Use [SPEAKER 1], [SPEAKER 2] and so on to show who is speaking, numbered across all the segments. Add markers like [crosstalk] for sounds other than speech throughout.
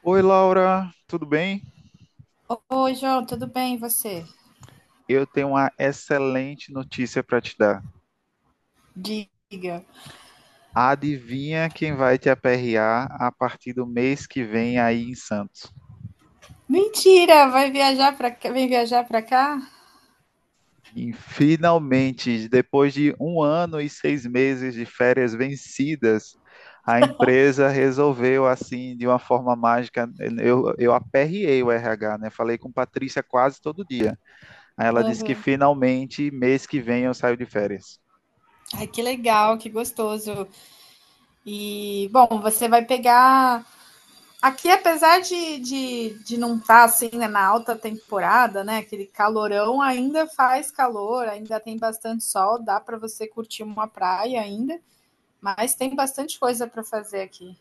[SPEAKER 1] Oi, Laura, tudo bem?
[SPEAKER 2] Oi, João, tudo bem? E você?
[SPEAKER 1] Eu tenho uma excelente notícia para te dar.
[SPEAKER 2] Diga.
[SPEAKER 1] Adivinha quem vai te aperrear a partir do mês que vem aí em Santos?
[SPEAKER 2] Mentira, vai viajar para cá, vem viajar para cá?
[SPEAKER 1] E finalmente, depois de um ano e 6 meses de férias vencidas, a empresa resolveu, assim, de uma forma mágica. Eu aperriei o RH, né? Falei com Patrícia quase todo dia. Aí ela disse que
[SPEAKER 2] Aham.
[SPEAKER 1] finalmente, mês que vem, eu saio de férias.
[SPEAKER 2] Ai, que legal, que gostoso. E, bom, você vai pegar. Aqui, apesar de não estar assim, né, na alta temporada, né, aquele calorão, ainda faz calor, ainda tem bastante sol, dá para você curtir uma praia ainda, mas tem bastante coisa para fazer aqui.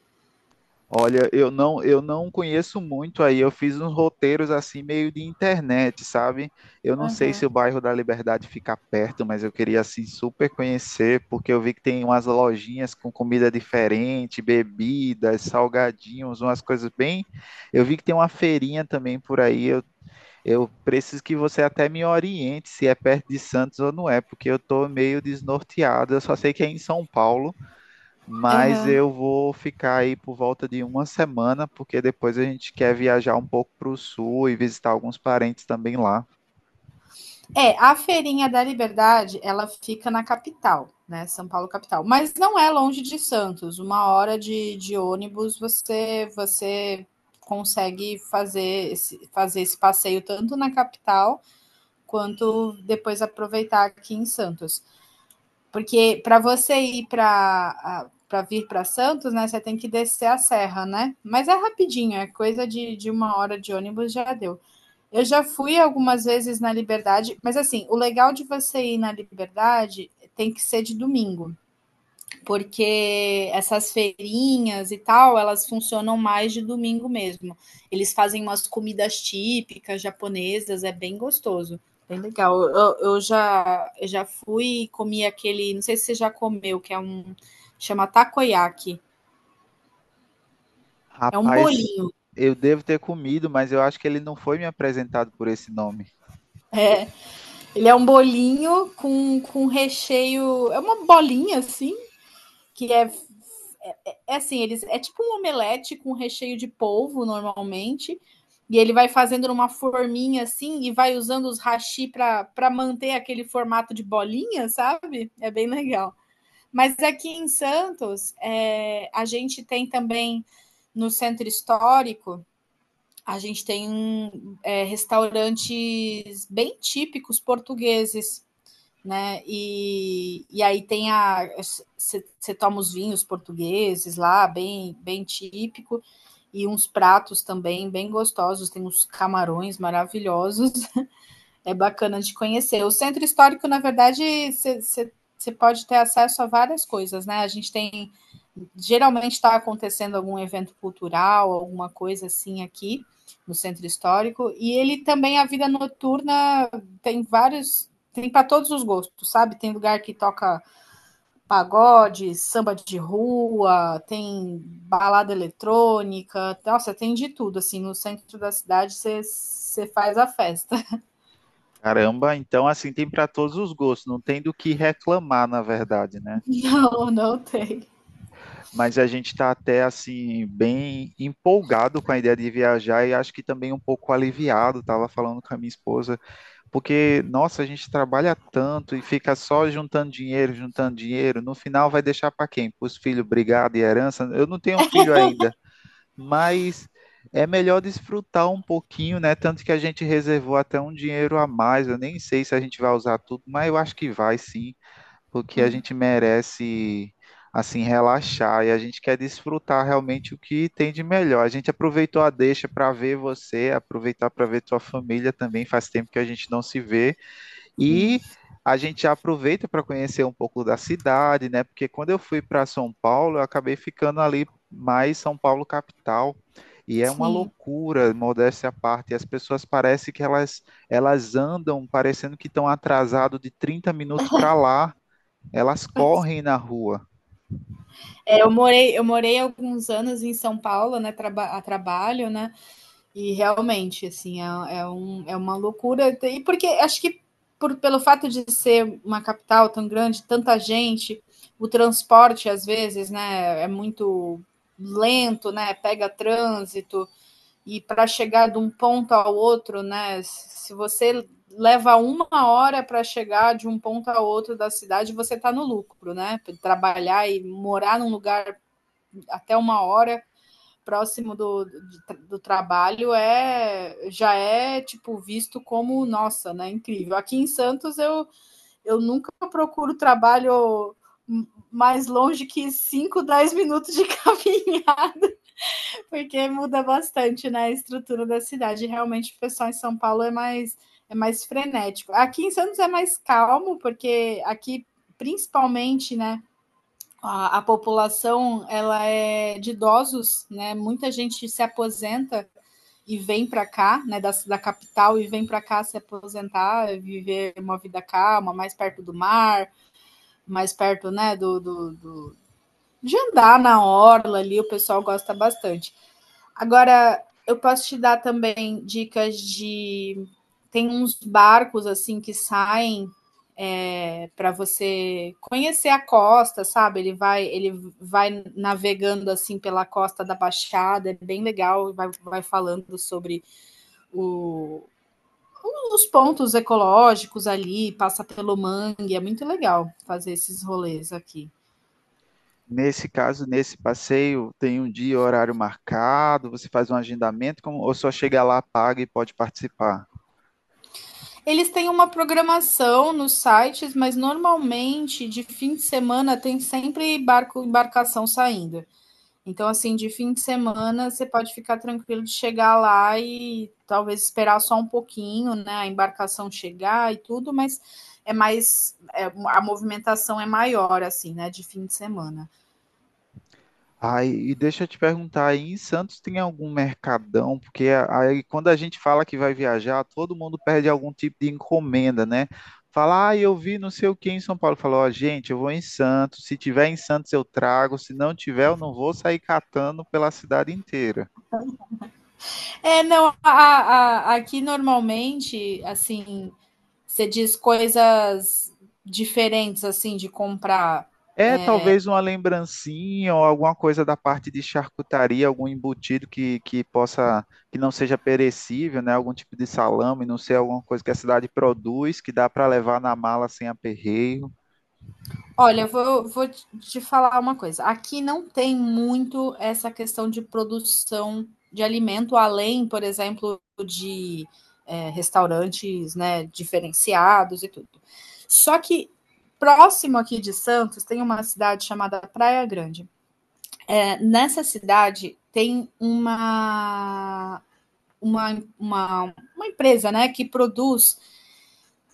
[SPEAKER 1] Olha, eu não conheço muito aí. Eu fiz uns roteiros assim meio de internet, sabe? Eu não sei
[SPEAKER 2] Aham.
[SPEAKER 1] se o bairro da Liberdade fica perto, mas eu queria assim super conhecer, porque eu vi que tem umas lojinhas com comida diferente, bebidas, salgadinhos, umas coisas bem. Eu vi que tem uma feirinha também por aí. Eu preciso que você até me oriente se é perto de Santos ou não é, porque eu tô meio desnorteado. Eu só sei que é em São Paulo, mas
[SPEAKER 2] Aham.
[SPEAKER 1] eu vou ficar aí por volta de uma semana, porque depois a gente quer viajar um pouco para o sul e visitar alguns parentes também lá.
[SPEAKER 2] É, a Feirinha da Liberdade, ela fica na capital, né? São Paulo capital. Mas não é longe de Santos. Uma hora de ônibus você consegue fazer esse passeio tanto na capital quanto depois aproveitar aqui em Santos. Porque para você ir para vir para Santos, né, você tem que descer a serra, né? Mas é rapidinho, é coisa de uma hora de ônibus já deu. Eu já fui algumas vezes na Liberdade, mas assim, o legal de você ir na Liberdade tem que ser de domingo, porque essas feirinhas e tal, elas funcionam mais de domingo mesmo. Eles fazem umas comidas típicas japonesas, é bem gostoso. Bem legal. Eu já fui e comi aquele, não sei se você já comeu, chama takoyaki. É um
[SPEAKER 1] Rapaz,
[SPEAKER 2] bolinho.
[SPEAKER 1] eu devo ter comido, mas eu acho que ele não foi me apresentado por esse nome.
[SPEAKER 2] Ele é um bolinho com recheio, é uma bolinha assim, que é é assim, eles é tipo um omelete com recheio de polvo normalmente, e ele vai fazendo numa forminha assim e vai usando os hashi para manter aquele formato de bolinha, sabe? É bem legal. Mas aqui em Santos, é, a gente tem também no centro histórico, a gente tem é, restaurantes bem típicos portugueses, né? E aí tem a você toma os vinhos portugueses lá, bem típico e uns pratos também bem gostosos, tem uns camarões maravilhosos, é bacana de conhecer. O centro histórico, na verdade, você pode ter acesso a várias coisas, né? A gente tem. Geralmente está acontecendo algum evento cultural, alguma coisa assim aqui no centro histórico. E ele também, a vida noturna, tem vários. Tem para todos os gostos, sabe? Tem lugar que toca pagode, samba de rua, tem balada eletrônica, nossa, tem de tudo. Assim, no centro da cidade você faz a festa.
[SPEAKER 1] Caramba, então assim tem para todos os gostos, não tem do que reclamar, na verdade, né?
[SPEAKER 2] Não, não tem.
[SPEAKER 1] Mas a gente está até assim bem empolgado com a ideia de viajar e acho que também um pouco aliviado. Tava falando com a minha esposa, porque, nossa, a gente trabalha tanto e fica só juntando dinheiro, juntando dinheiro. No final vai deixar para quem? Para os filhos, brigado e herança. Eu não tenho filho ainda, mas é melhor desfrutar um pouquinho, né? Tanto que a gente reservou até um dinheiro a mais. Eu nem sei se a gente vai usar tudo, mas eu acho que vai sim, porque a gente merece assim relaxar e a gente quer desfrutar realmente o que tem de melhor. A gente aproveitou a deixa para ver você, aproveitar para ver tua família também. Faz tempo que a gente não se vê. E a gente aproveita para conhecer um pouco da cidade, né? Porque quando eu fui para São Paulo, eu acabei ficando ali mais São Paulo capital. E é uma
[SPEAKER 2] Sim,
[SPEAKER 1] loucura, modéstia à parte. As pessoas parecem que elas andam parecendo que estão atrasado de 30 minutos para lá. Elas correm na rua.
[SPEAKER 2] é, eu morei alguns anos em São Paulo, né, traba a trabalho, né, e realmente, assim, é uma loucura, e porque acho que pelo fato de ser uma capital tão grande, tanta gente, o transporte, às vezes, né, é muito lento, né, pega trânsito, e para chegar de um ponto ao outro, né? Se você leva uma hora para chegar de um ponto ao outro da cidade, você está no lucro, né? Trabalhar e morar num lugar até uma hora próximo do trabalho é já é tipo visto como nossa, né? Incrível. Aqui em Santos eu nunca procuro trabalho mais longe que 5, 10 minutos de [laughs] caminho. Porque muda bastante, né, a estrutura da cidade. Realmente o pessoal em São Paulo é mais frenético. Aqui em Santos é mais calmo, porque aqui principalmente, né, a população ela é de idosos, né? Muita gente se aposenta e vem para cá, né, da capital e vem para cá se aposentar, viver uma vida calma, mais perto do mar, mais perto, né, do de andar na orla ali, o pessoal gosta bastante. Agora, eu posso te dar também dicas de. Tem uns barcos assim que saem é, para você conhecer a costa, sabe? Ele vai navegando assim pela costa da Baixada, é bem legal, vai falando sobre o, os pontos ecológicos ali, passa pelo mangue, é muito legal fazer esses rolês aqui.
[SPEAKER 1] Nesse caso, nesse passeio, tem um dia e horário marcado, você faz um agendamento, como, ou só chega lá, paga e pode participar?
[SPEAKER 2] Eles têm uma programação nos sites, mas normalmente de fim de semana tem sempre barco, embarcação saindo. Então, assim, de fim de semana você pode ficar tranquilo de chegar lá e talvez esperar só um pouquinho, né? A embarcação chegar e tudo, mas é mais é, a movimentação é maior assim, né, de fim de semana.
[SPEAKER 1] Ai, e deixa eu te perguntar, aí em Santos tem algum mercadão? Porque aí quando a gente fala que vai viajar, todo mundo perde algum tipo de encomenda, né? Fala, ah, eu vi não sei o que em São Paulo. Falou, ó, gente, eu vou em Santos. Se tiver em Santos, eu trago. Se não tiver, eu não vou sair catando pela cidade inteira.
[SPEAKER 2] É, não, aqui normalmente, assim, você diz coisas diferentes assim de comprar.
[SPEAKER 1] É
[SPEAKER 2] é,
[SPEAKER 1] talvez uma lembrancinha ou alguma coisa da parte de charcutaria, algum embutido que possa, que não seja perecível, né? Algum tipo de salame, não sei, alguma coisa que a cidade produz, que dá para levar na mala sem aperreio.
[SPEAKER 2] Olha, eu vou, vou te falar uma coisa. Aqui não tem muito essa questão de produção de alimento, além, por exemplo, de restaurantes, né, diferenciados e tudo. Só que próximo aqui de Santos tem uma cidade chamada Praia Grande. Nessa cidade tem uma, uma empresa, né, que produz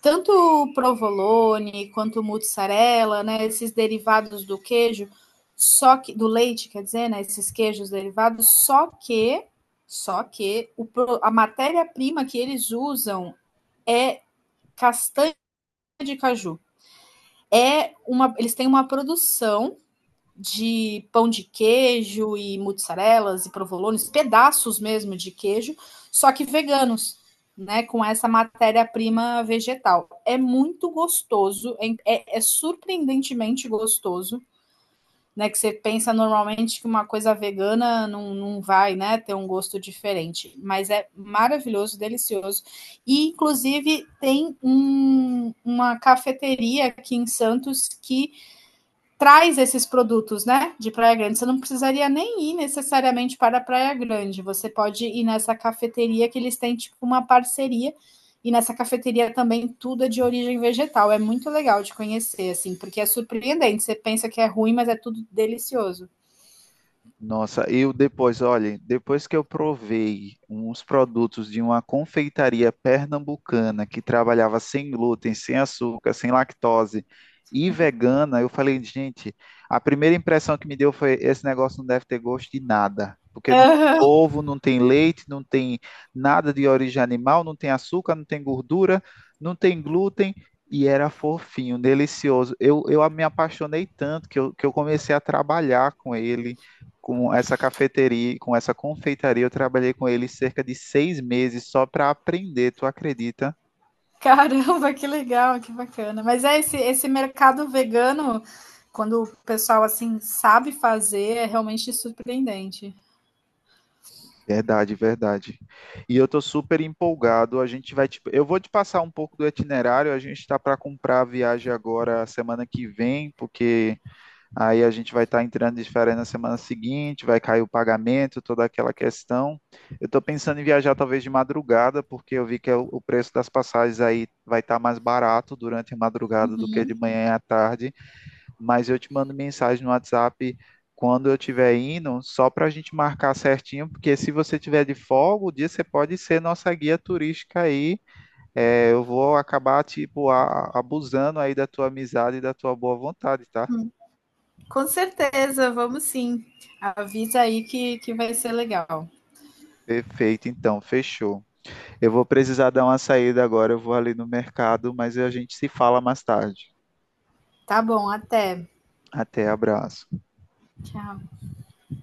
[SPEAKER 2] tanto o provolone quanto mussarela, né, esses derivados do queijo, só que do leite, quer dizer, né, esses queijos derivados, só que o, a matéria-prima que eles usam é castanha de caju. É uma, eles têm uma produção de pão de queijo e mussarelas e provolones, pedaços mesmo de queijo, só que veganos, né? Com essa matéria-prima vegetal. É muito gostoso, é surpreendentemente gostoso. Né, que você pensa normalmente que uma coisa vegana não, não vai né, ter um gosto diferente, mas é maravilhoso, delicioso. E, inclusive, uma cafeteria aqui em Santos que traz esses produtos, né, de Praia Grande. Você não precisaria nem ir necessariamente para a Praia Grande. Você pode ir nessa cafeteria que eles têm tipo uma parceria e nessa cafeteria também tudo é de origem vegetal. É muito legal de conhecer assim, porque é surpreendente. Você pensa que é ruim, mas é tudo delicioso.
[SPEAKER 1] Nossa, eu depois, olha, depois que eu provei uns produtos de uma confeitaria pernambucana que trabalhava sem glúten, sem açúcar, sem lactose e vegana, eu falei, gente, a primeira impressão que me deu foi esse negócio não deve ter gosto de nada, porque não tem
[SPEAKER 2] Aham. [laughs]
[SPEAKER 1] ovo, não tem leite, não tem nada de origem animal, não tem açúcar, não tem gordura, não tem glúten. E era fofinho, delicioso. Eu me apaixonei tanto que eu comecei a trabalhar com ele, com essa cafeteria, com essa confeitaria, eu trabalhei com ele cerca de 6 meses só para aprender, tu acredita?
[SPEAKER 2] Caramba, que legal, que bacana. Mas é esse mercado vegano, quando o pessoal assim sabe fazer, é realmente surpreendente.
[SPEAKER 1] Verdade, verdade. E eu tô super empolgado. A gente vai, eu vou te passar um pouco do itinerário. A gente tá para comprar a viagem agora semana que vem, porque aí a gente vai estar entrando de férias na semana seguinte, vai cair o pagamento, toda aquela questão. Eu tô pensando em viajar talvez de madrugada, porque eu vi que é o preço das passagens aí vai estar mais barato durante a madrugada do que de manhã à tarde. Mas eu te mando mensagem no WhatsApp quando eu estiver indo, só para a gente marcar certinho, porque se você tiver de folga, o dia você pode ser nossa guia turística aí. É, eu vou acabar, tipo, abusando aí da tua amizade e da tua boa vontade, tá?
[SPEAKER 2] Com certeza, vamos sim. Avisa aí que vai ser legal.
[SPEAKER 1] Perfeito, então, fechou. Eu vou precisar dar uma saída agora, eu vou ali no mercado, mas a gente se fala mais tarde.
[SPEAKER 2] Tá bom, até.
[SPEAKER 1] Até, abraço.
[SPEAKER 2] Tchau.